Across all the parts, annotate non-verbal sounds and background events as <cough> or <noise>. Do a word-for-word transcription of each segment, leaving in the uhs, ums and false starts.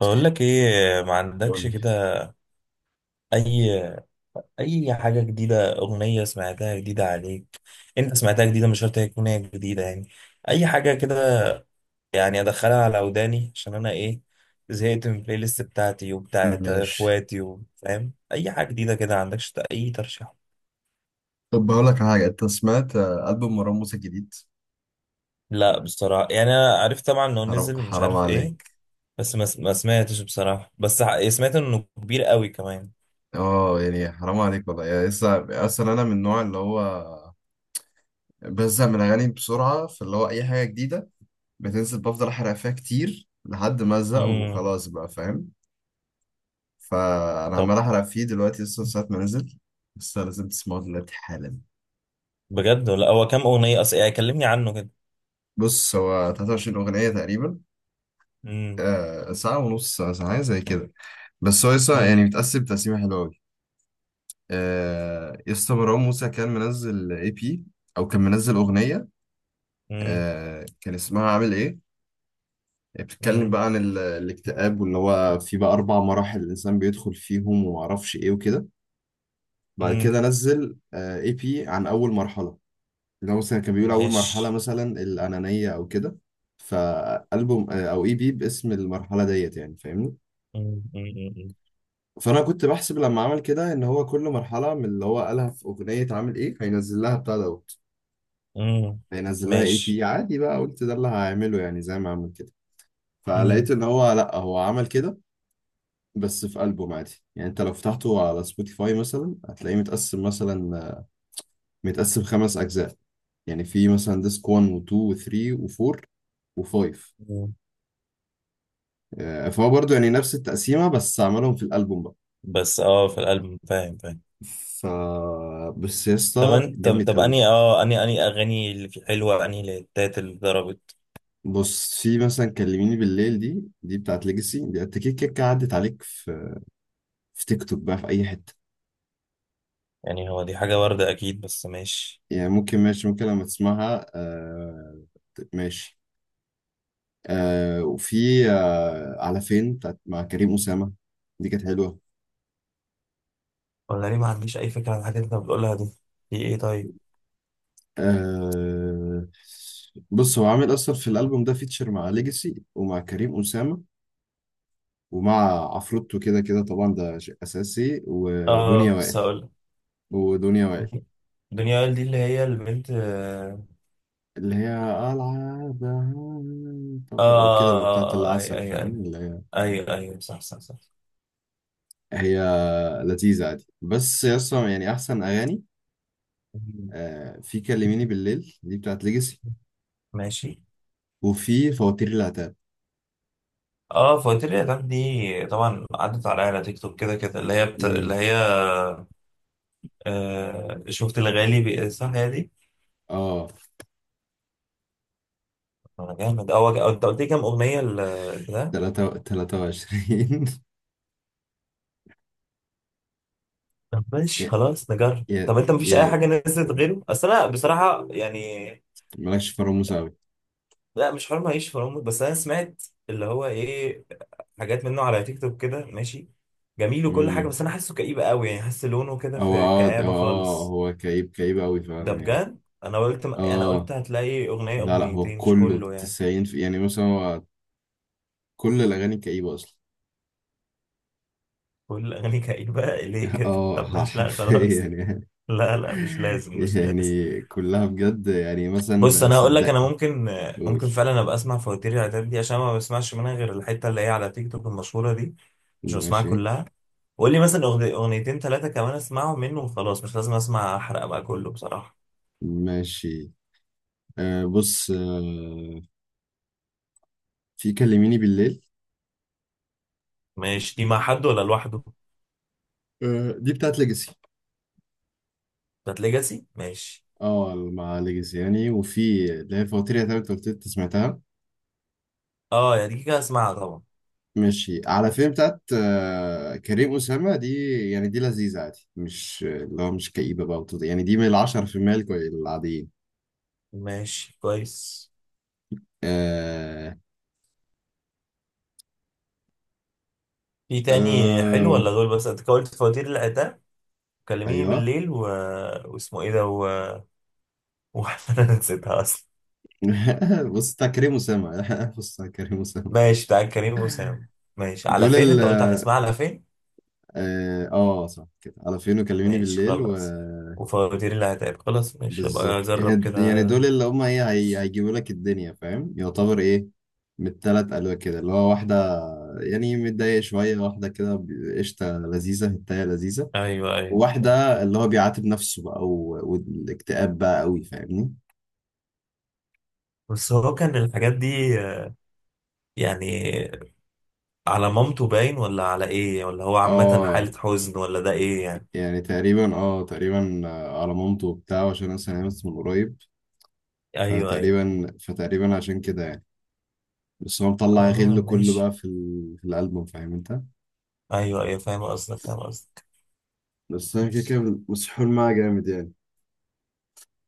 بقول لك ايه، ما عندكش قول كده؟ لي. اي اي حاجه جديده، اغنيه سمعتها جديده عليك. انت سمعتها جديده، مش شرط هي تكون هي جديده يعني. اي حاجه كده. يعني ادخلها على وداني عشان انا ايه. زهقت من البلاي ليست بتاعتي وبتاعت ماشي. اخواتي، وفاهم اي حاجه جديده كده. عندكش اي ترشيح؟ طب هقول لك على حاجة. أنت سمعت آه، ألبوم مروان موسى الجديد؟ لا بصراحه، يعني انا عرفت طبعا انه حرام نزل، مش حرام عارف ايه. عليك. بس ما ما سمعتش بصراحه، بس ح- يعني سمعت انه كبير قوي كمان. أه يعني حرام عليك والله. يعني لسه أصلا أنا من النوع اللي هو بزهق من الأغاني بسرعة، فاللي هو أي حاجة جديدة بتنزل بفضل أحرق فيها كتير لحد ما أزهق امم. وخلاص، بقى فاهم؟ فأنا طب. عمال أحرق فيه دلوقتي لسه من ساعة ما نزل. لسه لازم تسمعه دلوقتي حالا. بجد؟ ولا هو كام اغنيه اصلا؟ يعني كلمني عنه كده. بص، هو تلاتة وعشرين أغنية تقريبا. مم. آه، ساعة ونص، ساعة ساعة زي كده. بس هو لسه يعني مم. متقسم تقسيمة حلوة. آه، يسطا مروان موسى كان منزل اي بي او كان منزل اغنيه. مم. آه، كان اسمها عامل ايه. بتتكلم مم. بقى عن ال- الاكتئاب، واللي هو في بقى اربع مراحل الانسان بيدخل فيهم وما اعرفش ايه وكده. بعد مم. كده نزل اي بي عن اول مرحله، اللي هو مثلا كان بيقول اول مرحله ماشي. مثلا الانانيه او كده. فالبوم آه، او اي بي باسم المرحله ديت، يعني فاهمني؟ مم. مم. فانا كنت بحسب لما عمل كده ان هو كل مرحله من اللي هو قالها في اغنيه عامل ايه هينزل لها بتاع دوت، مم. هينزل لها اي ماشي. بي عادي بقى. قلت ده اللي هعمله يعني زي ما عمل كده، مم. فلقيت ان هو لا، هو عمل كده بس في ألبوم عادي. يعني انت لو فتحته على سبوتيفاي مثلا هتلاقيه متقسم مثلا، متقسم خمس اجزاء. يعني في مثلا ديسك واحد و2 و3 و4 و5. مم. فهو برضه يعني نفس التقسيمة بس عملهم في الألبوم بقى. بس اه، في الألبوم فاهم فاهم. ف بس يا طب اسطى أن- طب جامد طب اني قوي. اه اني اني اغاني اللي في حلوه، اني الهتات اللي ضربت. بص، في مثلا كلميني بالليل دي، دي بتاعت ليجاسي، دي انت كده كده عدت عليك في في تيك توك بقى في اي حتة. يعني هو دي حاجه وارده اكيد، بس ماشي. يعني ممكن، ماشي، ممكن لما تسمعها آه. ماشي. آه، وفي آه على فين بتاعت مع كريم أسامة، دي كانت حلوة. ولا ليه؟ ما عنديش اي فكره عن الحاجات اللي انت بتقولها دي. دي ايه طيب؟ آه. بص، هو عامل أصلا في الألبوم ده فيتشر مع ليجاسي ومع كريم أسامة، ومع عفروتو كده كده طبعا ده شيء أساسي، اه، ودنيا بس وائل. هقول. ودنيا وائل دنيا وائل دي اللي هي البنت، اه. اللي هي العادة. اه، طب كده بقى بتاعت آه، آه، اي العسل، اي اي فاهم اللي هي؟ اي اي، صح صح صح. هي لذيذة عادي، بس أصلا يعني أحسن أغاني. آه، في كلميني بالليل دي بتاعت ليجاسي، ماشي. وفي فواتير العتاب. اه، فواتير الاعلام دي طبعا عدت عليا على تيك توك كده كده، اللي هي بت... امم اللي هي آه، شفت الغالي بي... صح هي دي. اه. انا جامد، اه وج- آه، انت قلت لي كام اغنيه ال- البتاع؟ تلاتة وعشرين. طب <laughs> ماشي، يا- خلاص نجرب. يا- طب انت مفيش اي يعني حاجه نزلت غيره؟ اصل انا بصراحه يعني. مالكش في راموس أوي. لا، مش حرام اعيش في الأمر. بس انا سمعت اللي هو ايه، حاجات منه على تيك توك كده. ماشي، جميل وكل حاجه. امم بس انا حاسه كئيب قوي يعني، حاسس لونه كده هو في اه كآبه اه خالص. هو كئيب كئيب أوي ده فعلا يعني. بجد؟ انا قلت انا اه، قلت هتلاقي اغنيه لا لا، هو اغنيتين مش كله كله يعني. تسعين في، يعني مثلا هو كل الأغاني كئيبة أصلا. كل اغاني كئيبه ليه <laughs> كده؟ اه، طب ح- ماشي، لا حرفيا خلاص. يعني. <laughs> لا لا، مش <laughs> لازم مش لازم. يعني كلها بجد يعني بص، مثلا انا هقول لك صدق. انا ممكن. قول. ممكن فعلا ابقى اسمع فواتير العتاب دي عشان ما بسمعش منها غير الحته اللي هي على تيك توك المشهوره دي. مش بسمعها ماشي. كلها. قول لي مثلا أغني- اغنيتين ثلاثه كمان، اسمعهم منه وخلاص، مش لازم اسمع احرق بقى كله بصراحه. ماشي. آه، بص. آه، في كلميني بالليل. ماشي. دي مع حد ولا لوحده؟ آه، دي بتاعت ليجاسي. بتاعت ليجاسي، ماشي. اه، مع ليجاسي يعني. وفي اللي هي فواتير، يا تلات وتلت سمعتها. اه، يا دي كده اسمعها طبعا. ماشي. على فيلم بتاعت آه كريم أسامة دي، يعني دي لذيذة عادي، مش اللي هو مش كئيبة بقى، وتض- يعني دي من العشرة في المية الكوي- العاديين. ماشي، كويس. آه. في تاني حلو آه. ولا دول بس؟ انت قلت فواتير العتاب، كلميني أيوه. بالليل و... واسمه ايه ده؟ وانا <laughs> أنا نسيتها اصلا. <laughs> بص بتاع كريم أسامة. <laughs> بص بتاع كريم أسامة. ماشي، بتاع كريم وسام. ماشي، على دول فين؟ ال انت قلت على اسمها، على فين. اه. آه، صح كده، على فين وكلميني ماشي، بالليل و… خلاص. وفواتير اللي هتعب، خلاص ماشي ابقى بالظبط. اجرب إيه- يعني كده. دول اللي هم ايه، هي- هيجيبوا لك الدنيا، فاهم؟ يعتبر ايه، من التلات قالوا كده اللي هو واحدة يعني متضايق شوية، واحدة كده ب- قشطة لذيذة هتاية لذيذة، ايوه ايوه ايوه. وواحدة اللي هو بيعاتب نفسه بقى و- والاكتئاب بقى قوي، فاهمني؟ بس هو كان الحاجات دي آه، يعني، على مامته باين ولا على ايه؟ ولا هو عامة اه حالة حزن ولا ده ايه يعني؟ يعني تقريبا اه، تقريبا آه، على مامته وبتاع، عشان انا سمعت من قريب. ايوه ايوه. فتقريبا فتقريبا عشان كده يعني. بس هو مطلع غل اه، كله ماشي بقى في ال- في الألبوم، فاهم انت؟ ايوه ايوه فاهم قصدك فاهم قصدك. بس انا كده كده مسحول معاه جامد يعني.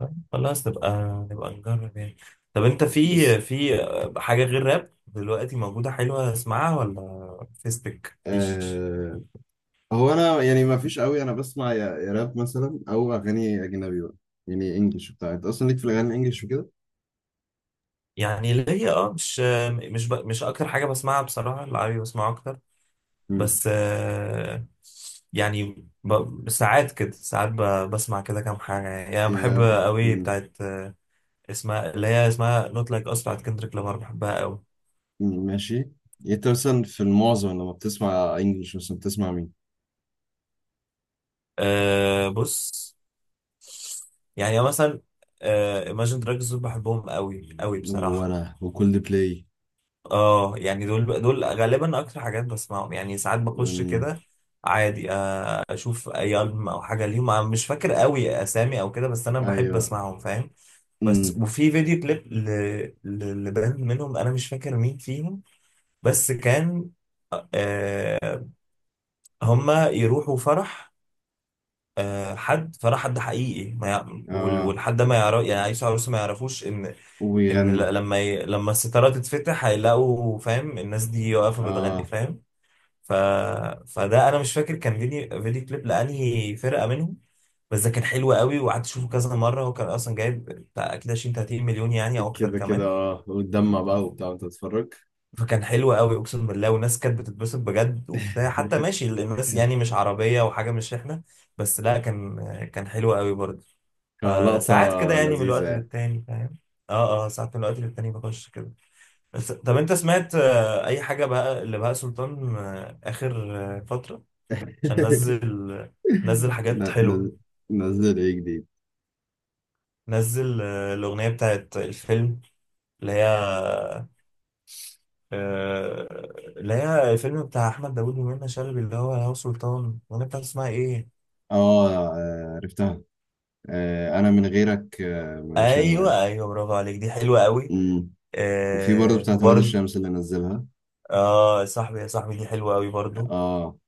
طيب خلاص نبقى نبقى نجرب يعني. طب انت بس في في حاجة غير راب دلوقتي موجودة حلوة اسمعها ولا فيسبك مفيش؟ آه. هو انا يعني ما فيش قوي، انا بسمع يا يا راب مثلا او اغاني اجنبي بقى. يعني انجلش بتاع، انت اصلا ليك في الاغاني الانجليش وكده. يعني اللي هي اه مش مش ب... مش اكتر حاجة بسمعها بصراحة، العربي بسمعه اكتر. امم بس، آه، يعني ب... ساعات كده، ساعات ب... بسمع كده كام حاجة، يعني يعني بحب يا. قوي مم. بتاعت آه، اسمها اللي هي اسمها نوت لايك اس بتاعت كندريك لامار، بحبها قوي. مم، ماشي. يعني انت مثلا في المعظم لما بتسمع انجلش مثلا بتسمع مين؟ أه، بص. يعني مثلا آه، Imagine Dragons دول بحبهم قوي قوي بصراحة. وانا وكل بلاي. اه، يعني دول دول غالبا اكتر حاجات بسمعهم، يعني ساعات بخش مم. كده عادي. آه، اشوف اي ألبوم او حاجة ليهم، أنا مش فاكر قوي اسامي او كده، بس انا بحب ايوه. اسمعهم فاهم. بس امم. وفي فيديو كليب ل... ل... لبند منهم، انا مش فاكر مين فيهم. بس كان آه هما يروحوا فرح، آه، حد فرح، حد حقيقي ما يع... وال- اه. والحد ده ما يعرف، يعني عيسى عروسه ما يعرفوش ان، ان ويغنوا. ل- لما ي... لما الستاره تتفتح هيلاقوا فاهم، الناس دي واقفه بتغني اه فاهم. ف... فده انا مش فاكر كان فيديو فيديو كليب لانهي فرقه منهم. بس ده كان حلو قوي، وقعدت اشوفه كذا مره، هو كان اصلا جايب بتاع اكيد عشرين ثلاثين مليون يعني، او اكتر كده كده، كمان. اه وتدمع بقى وبتاع وانت بتتفرج. فكان حلو قوي اقسم بالله، والناس كانت بتتبسط بجد وبتاع، حتى <laughs> ماشي الناس يعني مش عربيه وحاجه، مش احنا. بس لا، كان كان حلو قوي برضه. كلقطة فساعات كده يعني من لذيذة الوقت يعني. للتاني فاهم. اه اه، ساعات من الوقت للتاني بخش كده. بس طب انت سمعت آه، اي حاجه بقى اللي بهاء سلطان آه، اخر آه، فتره؟ عشان نزل. <laughs> نزل <laughs> حاجات ن- حلوه. ن- نزل ايه جديد؟ نزل آه، الاغنيه بتاعت الفيلم اللي هي آه، اللي هي الفيلم بتاع احمد داوود ومنى شلبي اللي هو هو سلطان، الاغنيه بتاعت اسمها ايه؟ اه. آه، عرفتها. آه، انا من غيرك آه، مش هنوام. ايوه ايوه، برافو عليك، دي حلوه قوي. أمم. وفي برضه آه، بتاعت ولاد وبرده. الشمس اللي نزلها. اه، صاحبي يا صاحبي دي حلوه قوي برضو. اه.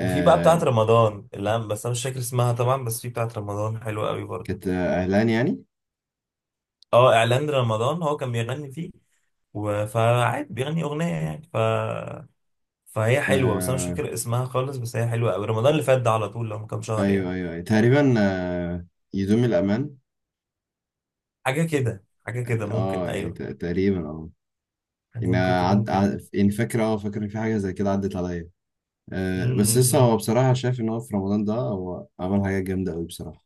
وفي بقى آه. بتاعت رمضان اللي أنا- بس انا مش فاكر اسمها طبعا، بس في بتاعت رمضان حلوه قوي برضو. كانت آه، اهلان يعني. اه، اعلان رمضان هو كان بيغني فيه و- فعادي بيغني اغنيه يعني، ف فهي حلوه، بس انا مش آه، فاكر اسمها خالص، بس هي حلوه قوي. رمضان اللي فات ده على طول، لو من كام شهر ايوه يعني. ايوه أيوة. تقريبا آه، يدوم الامان. حاجه كده حاجه كده ممكن اه يعني ايوه. ت- تقريبا اه. يعني يعني ممكن تكون عد... كده. عد... يعني فاكر، اه فاكر إن في حاجه زي كده عدت عليا آه، بس لسه امم. هو بصراحه شايف ان هو في رمضان ده هو عمل حاجه جامده قوي بصراحه.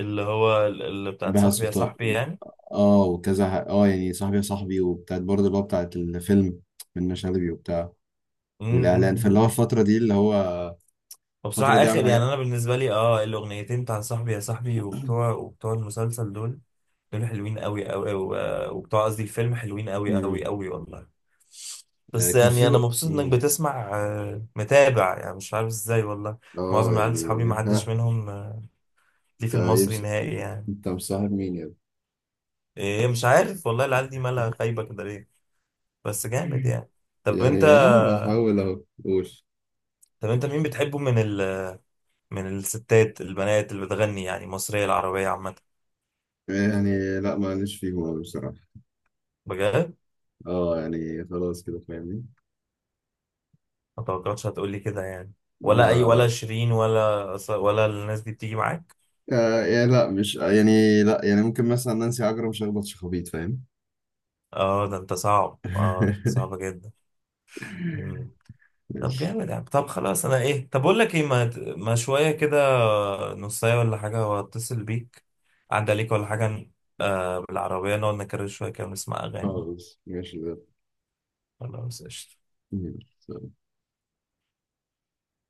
اللي هو ال- اللي بتاعت بهاء صاحبي يا سلطان. صاحبي يعني. اه وكذا ح- اه، يعني صاحبي يا صاحبي، وبتاعت برضه اللي هو بتاعت الفيلم منة شلبي وبتاع، والاعلان. فاللي هو امم. الفتره دي اللي هو الفتره وبصراحه دي عامل اخر، يعني حاجه. انا بالنسبه لي اه الاغنيتين بتاع صاحبي يا صاحبي وبتوع وبتوع المسلسل دول، دول حلوين قوي قوي، و- وبتوع قصدي الفيلم حلوين قوي قوي امم قوي والله. آه، بس كان في يعني انا بقى. مبسوط انك امم بتسمع آه، متابع يعني، مش عارف ازاي والله. معظم اه العيال صحابي يعني ما حدش ها. منهم آه، ليه في انت المصري يمس- نهائي يعني. انت مصاحب مين يا ابني؟ ايه، مش عارف والله العيال دي مالها خايبه كده ليه. بس جامد يعني. طب انت يعني ها، بحاول اهو. قول. طب انت مين بتحبه من ال... من الستات البنات اللي بتغني يعني، مصريه العربيه عامه؟ يعني لا، معلش فيهم أوي بصراحة. بجد؟ اه، يعني خلاص كده فاهمني؟ ما توقعتش هتقولي كده يعني. ولا اي، لا ولا لا. شيرين، ولا ولا الناس دي بتيجي معاك؟ آه، يعني لا، مش يعني لا، يعني ممكن مثلا نانسي عجرم شخبط شخابيط، فاهم؟ اه، ده انت صعب، اه، ده انت <laughs> صعبه جدا. طب <laughs> جامد يعني. طب خلاص، انا ايه؟ طب اقول لك ايه، ما, ما شويه كده نصايه ولا حاجه، واتصل بيك، عدى عليك ولا حاجه. آه، بالعربيه نقعد نكرر شويه كده ونسمع اغاني. خالص. ماشي ده. خلاص، قشطه.